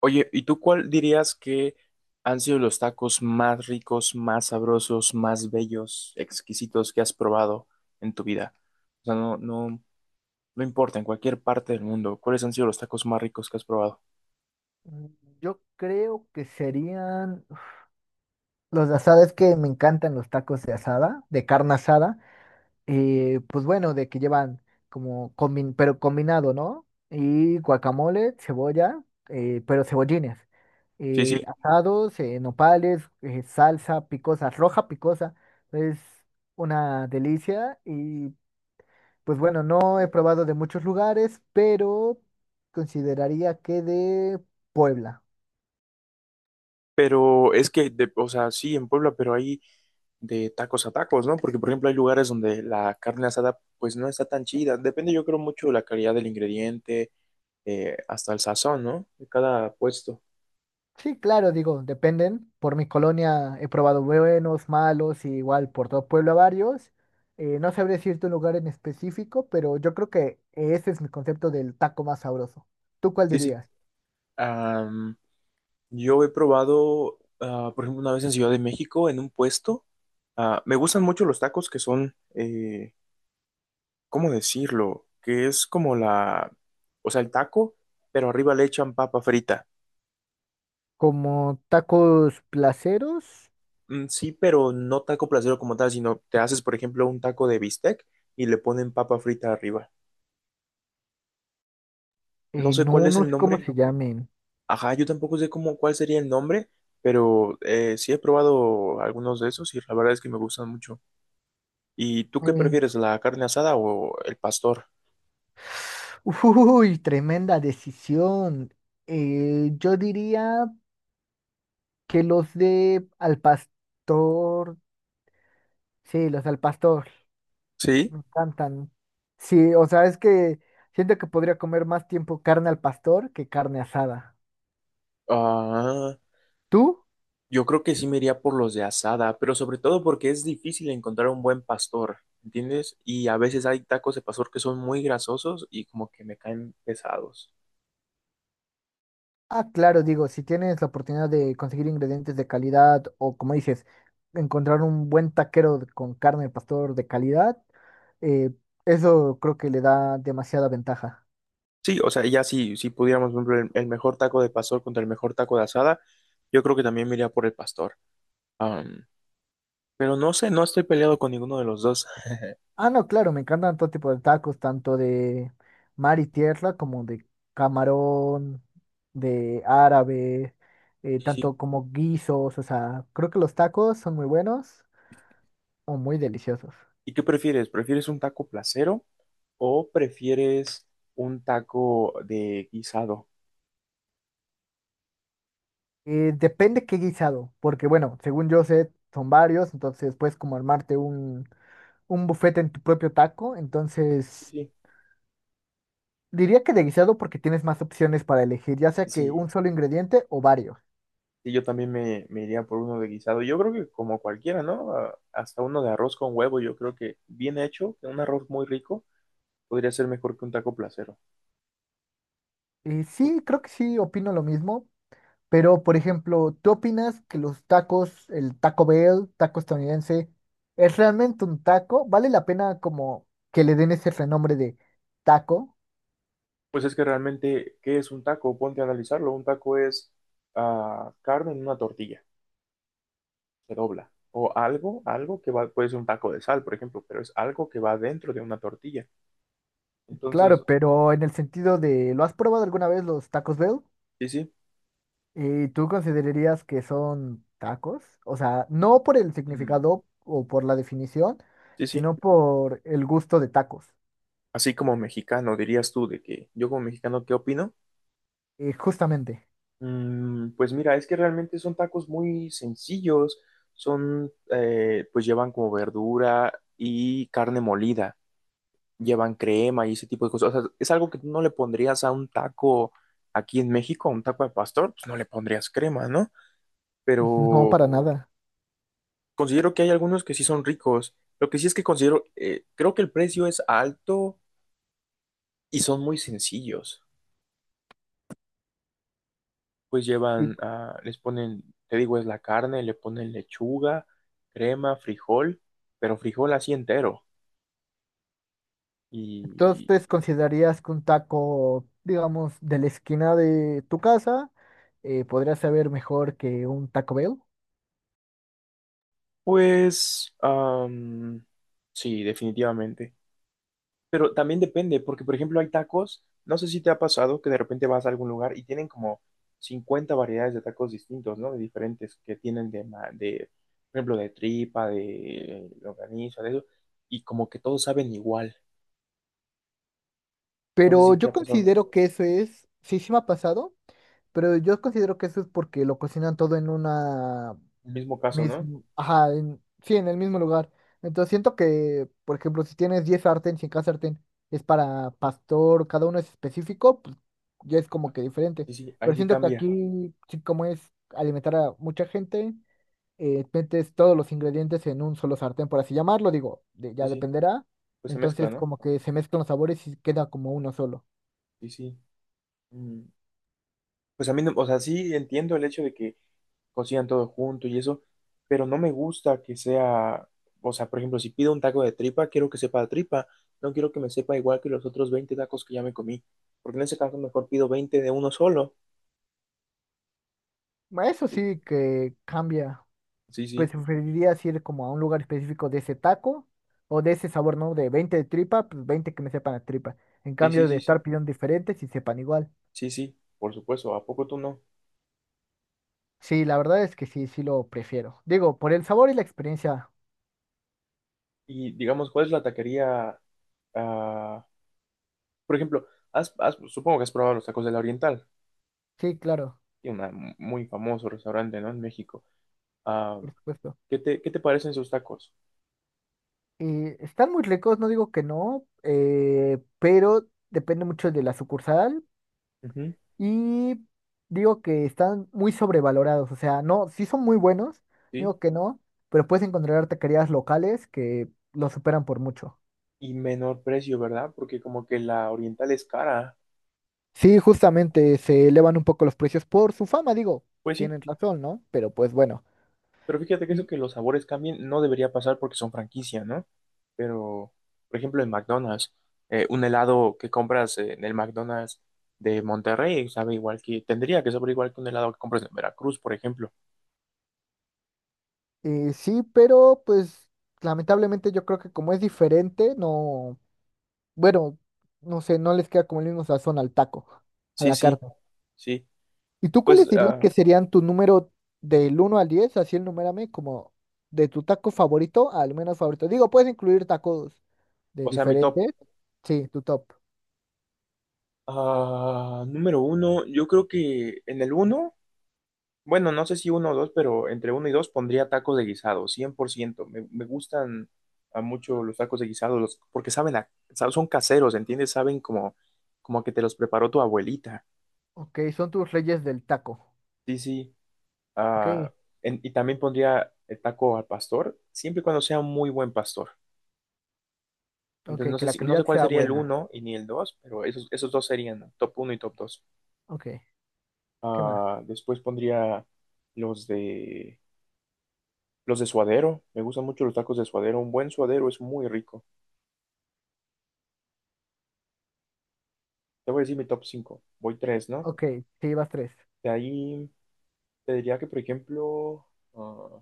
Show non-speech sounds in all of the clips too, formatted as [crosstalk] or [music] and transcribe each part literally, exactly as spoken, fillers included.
Oye, ¿y tú cuál dirías que han sido los tacos más ricos, más sabrosos, más bellos, exquisitos que has probado en tu vida? O sea, no, no, no importa, en cualquier parte del mundo, ¿cuáles han sido los tacos más ricos que has probado? Mm, Yo creo que serían los de asada, es que me encantan los tacos de asada, de carne asada, eh, pues bueno, de que llevan como, combi- pero combinado, ¿no? Y guacamole, cebolla, eh, pero cebollines, Sí, sí, eh, asados, eh, nopales, eh, salsa picosa, roja picosa, es una delicia y pues bueno, no he probado de muchos lugares, pero consideraría que de Puebla. pero es que, de- o sea, sí, en Puebla, pero hay de tacos a tacos, ¿no? Porque, por ejemplo, hay lugares donde la carne asada, pues no está tan chida. Depende, yo creo, mucho de la calidad del ingrediente, eh, hasta el sazón, ¿no? De cada puesto. Sí, claro, digo, dependen. Por mi colonia he probado buenos, malos, y igual por todo Puebla varios. Eh, no sabría decirte un lugar en específico, pero yo creo que ese es mi concepto del taco más sabroso. ¿Tú cuál Sí, sí. dirías? Yo he probado, ah, por ejemplo, una vez en Ciudad de México, en un puesto. Ah, me gustan mucho los tacos que son, eh, ¿cómo decirlo? Que es como la, o sea, el taco, pero arriba le echan papa frita. Como tacos placeros, Mm, sí, pero no taco placero como tal, sino te haces, por ejemplo, un taco de bistec y le ponen papa frita arriba. No eh, sé cuál no, es no el sé cómo nombre. se llamen. Ajá, yo tampoco sé cómo, cuál sería el nombre, pero eh, sí he probado algunos de esos y la verdad es que me gustan mucho. ¿Y tú qué Eh, prefieres, la carne asada o el pastor? [laughs] uy, tremenda decisión. Eh, yo diría que los de al pastor, sí, los al pastor. Sí. Me encantan. Sí, o sea, es que siento que podría comer más tiempo carne al pastor que carne asada. Ah, ¿Tú? yo creo que sí me iría por los de asada, pero sobre todo porque es difícil encontrar un buen pastor, ¿entiendes? Y a veces hay tacos de pastor que son muy grasosos y como que me caen pesados. Ah, claro, digo, si tienes la oportunidad de conseguir ingredientes de calidad o, como dices, encontrar un buen taquero de- con carne al pastor de calidad, eh, eso creo que le da demasiada ventaja. Sí, o sea, ya sí, si pudiéramos, por ejemplo, el, el mejor taco de pastor contra el mejor taco de asada, yo creo que también me iría por el pastor. Am, pero no sé, no estoy peleado con ninguno de los dos. Ah, no, claro, me encantan todo tipo de tacos, tanto de mar y tierra como de camarón, de árabe, eh, Sí. tanto como guisos, o sea, creo que los tacos son muy buenos o muy deliciosos. ¿Y qué prefieres? ¿Prefieres un taco placero? ¿O prefieres un taco de guisado? Eh, depende qué guisado, porque bueno, según yo sé, son varios, entonces puedes como armarte un, un buffet en tu propio taco, entonces Sí, diría que de guisado porque tienes más opciones para elegir, ya sea que sí, un solo ingrediente o varios. sí, yo también me, me iría por uno de guisado. Yo creo que como cualquiera, ¿no? A- Hasta uno de arroz con huevo, yo creo que bien hecho, que un arroz muy rico, podría ser mejor que un taco placero. Y sí, creo que sí, opino lo mismo. Pero, por ejemplo, ¿tú opinas que los tacos, el Taco Bell, taco estadounidense, es realmente un taco? ¿Vale la pena como que le den ese renombre de taco? Pues es que realmente, ¿qué es un taco? Ponte a analizarlo. Un taco es ah, carne en una tortilla, se dobla. O algo, algo que va, puede ser un taco de sal, por ejemplo, pero es algo que va dentro de una tortilla. Entonces, Claro, pero en el sentido de, ¿lo has probado alguna vez los tacos Bell? sí, sí. ¿Y tú considerarías que son tacos? O sea, no por el Mm, significado o por la definición, sí, sí. sino por el gusto de tacos. Así como mexicano, dirías tú de que yo como mexicano, ¿qué opino? Eh, justamente, Mm, pues mira, es que realmente son tacos muy sencillos, son, eh, pues llevan como verdura y carne molida, llevan crema y ese tipo de cosas. O sea, es algo que tú no le pondrías a un taco aquí en México, a un taco de pastor, pues no le pondrías crema, ¿no? [laughs] no Pero para No, nada. considero que hay algunos que sí son ricos. Lo que sí es que considero, eh, creo que el precio es alto y son muy sencillos. Pues llevan, ah, les ponen, te digo, es la carne, le ponen lechuga, crema, frijol, pero frijol así entero. Y Entonces, ¿considerarías que un taco, digamos, de la esquina de tu casa eh, podría saber mejor que un Taco Bell? pues, am, sí, definitivamente. Pero también depende, porque por ejemplo hay tacos, no sé si te ha pasado que de repente vas a algún lugar y tienen como cincuenta variedades de tacos distintos, ¿no? De diferentes que tienen de, ma- de, por ejemplo, de tripa, de longaniza, de eso, y como que todos saben igual. No sé Pero si te yo ha pasado. considero que eso es, sí, sí me ha pasado, pero yo considero que eso es porque lo cocinan todo en una El mismo caso, ¿no? misma, ajá, en- sí, en el mismo lugar. Entonces siento que, por ejemplo, si tienes diez sartén, si cada sartén es para pastor, cada uno es específico, pues ya es como que diferente. Sí, sí, ahí Pero sí siento que cambia. aquí, sí, como es alimentar a mucha gente. eh, metes todos los ingredientes en un solo sartén, por así llamarlo, digo, de- Sí, ya sí, dependerá. pues se mezcla, Entonces ¿no? como que se mezclan los sabores y queda como uno solo. Sí, sí. Mm, pues a mí, no- o sea, sí entiendo el hecho de que cocinan todo junto y eso, pero no me gusta que sea, o sea, por ejemplo, si pido un taco de tripa, quiero que sepa de tripa, no quiero que me sepa igual que los otros veinte tacos que ya me comí, porque en ese caso mejor pido veinte de uno solo. Bueno, eso sí que cambia. Sí, Pues sí, preferirías ir como a un lugar específico de ese taco o de ese sabor, ¿no? De veinte de tripa, pues veinte que me sepan a tripa. En sí, sí, cambio de sí, sí, estar pidiendo diferentes y sepan igual. sí, sí, por supuesto, ¿a poco tú no? Sí, la verdad es que sí, sí lo prefiero. Digo, por el sabor y la experiencia. Y digamos, ¿cuál es la taquería? ah, por ejemplo, has- has- supongo que has probado los tacos de la Oriental. Sí, claro, Y un muy famoso restaurante, ¿no? En México. Ah, por supuesto. ¿qué te, qué te parecen sus tacos? Eh, están muy ricos, no digo que no, eh, pero depende mucho de la sucursal Ujú, y digo que están muy sobrevalorados, o sea, no, sí son muy buenos, sí. digo que no, pero puedes encontrar taquerías locales que los superan por mucho. Y menor precio, ¿verdad? Porque como que la oriental es cara. Sí, justamente se elevan un poco los precios por su fama, digo, Pues sí, tienen razón, ¿no? Pero pues bueno. pero fíjate que eso Y que los sabores cambien no debería pasar porque son franquicia, ¿no? Pero, por ejemplo, en McDonald's, eh, un helado que compras eh, en el McDonald's de Monterrey sabe igual que, tendría que saber igual que un helado que compras en Veracruz, por ejemplo. eh, sí, pero pues lamentablemente yo creo que como es diferente, no. Bueno, no sé, no les queda como el mismo sazón al taco, a Sí, la sí, carne. sí. ¿Y tú Pues, cuáles dirías que ah, serían tu número del uno al diez, así el numérame como de tu taco favorito al menos favorito. Digo, puedes incluir tacos de o sea, mi top. diferentes. Sí, tu top. Ah, número uno, yo creo que en el uno, bueno, no sé si uno o dos, pero entre uno y dos pondría tacos de guisado, cien por ciento. Me, me gustan a mucho los tacos de guisado, los- porque saben, a- sa- son caseros, ¿entiendes? Saben como, como que te los preparó tu abuelita. Ok, son tus reyes del taco. Sí, sí. Ok, Ah, en- y también pondría el taco al pastor, siempre y cuando sea un muy buen pastor. ok, Entonces, no que sé la si, no calidad sé cuál sea sería el buena. uno y ni el dos, pero esos, esos, dos serían, ¿no? Top uno y top dos. Ok, ¿qué más? Ah, después pondría los de... Los de suadero, me gustan mucho los tacos de suadero. Un buen suadero es muy rico. Te voy a decir mi top cinco. Voy tres, ¿no? Ok, te llevas tres. De ahí te diría que, por ejemplo, ah,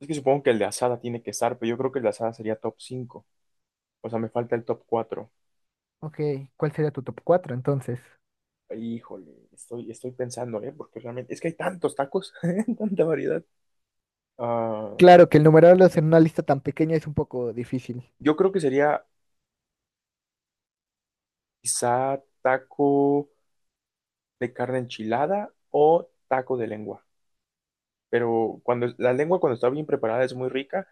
es que supongo que el de asada tiene que estar, pero yo creo que el de asada sería top cinco. O sea, me falta el top cuatro. Ok, ¿cuál sería tu top cuatro entonces? Híjole, estoy, estoy pensando, ¿eh? Porque realmente es que hay tantos tacos, [laughs] tanta variedad. Ah, Claro que el numerarlos en una lista tan pequeña es un poco difícil. yo creo que sería quizá taco de carne enchilada o taco de lengua. Pero cuando la lengua cuando está bien preparada es muy rica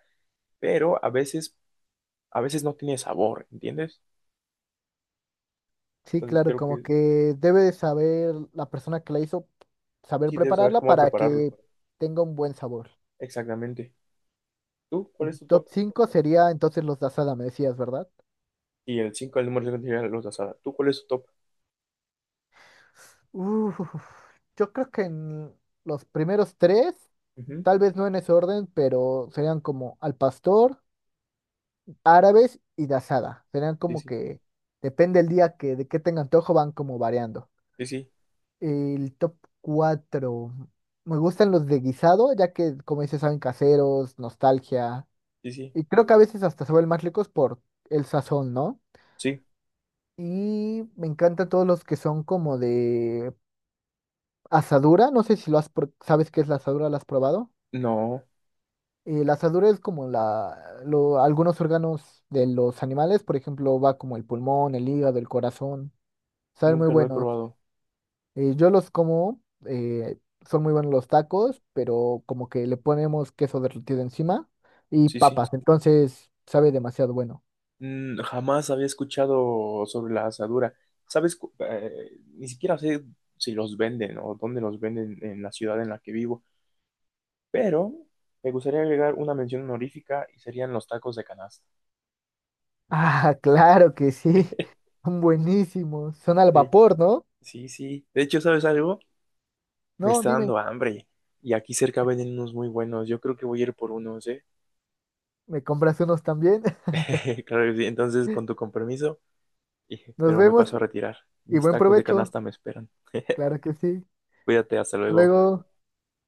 pero a veces, a veces no tiene sabor, ¿entiendes? Sí, Entonces claro, creo como que que debe de saber la persona que la hizo, saber sí debes saber prepararla cómo para prepararlo. que tenga un buen sabor. Exactamente. ¿Tú Y cuál tu es tu top top? cinco sería entonces los de asada, me decías, ¿verdad? Y el cinco, el número cinco sería la luz asada. ¿Tú cuál es tu top? Uf, yo creo que en los primeros tres, Ujú, tal vez no en ese orden, pero serían como al pastor, árabes y de asada. Serían sí, como sí, que, depende el día que de qué tenga antojo, van como variando. sí, sí, El top cuatro me gustan los de guisado, ya que, como dices, saben caseros, nostalgia. sí, sí, Y creo que a veces hasta se vuelven más ricos por el sazón, ¿no? sí. Y me encantan todos los que son como de asadura. No sé si lo has, pro- sabes qué es la asadura, ¿la has probado? No, Eh, la asadura es como la, lo- algunos órganos de los animales, por ejemplo, va como el pulmón, el hígado, el corazón. Saben muy nunca lo he buenos. probado. Eh, yo los como, eh, son muy buenos los tacos, pero como que le ponemos queso derretido encima y Sí, sí. papas, entonces sabe demasiado bueno. [laughs] Mm, jamás había escuchado sobre la asadura. ¿Sabes? Cu- eh, ni siquiera sé si los venden o dónde los venden en la ciudad en la que vivo, pero me gustaría agregar una mención honorífica y serían los tacos de canasta. Ah, claro que sí, [laughs] son buenísimos, son al vapor, ¿no? Sí, sí. De hecho, ¿sabes algo? Me No, está dime, dando hambre. Y aquí cerca venden unos muy buenos. Yo creo que voy a ir por unos, ¿eh? ¿me compras unos también? [laughs] [laughs] Claro que sí. Entonces, con tu compromiso, y- Nos pero me vemos paso a retirar. y Mis buen tacos de provecho, canasta me esperan. claro que sí. Cuídate, hasta Hasta luego. luego.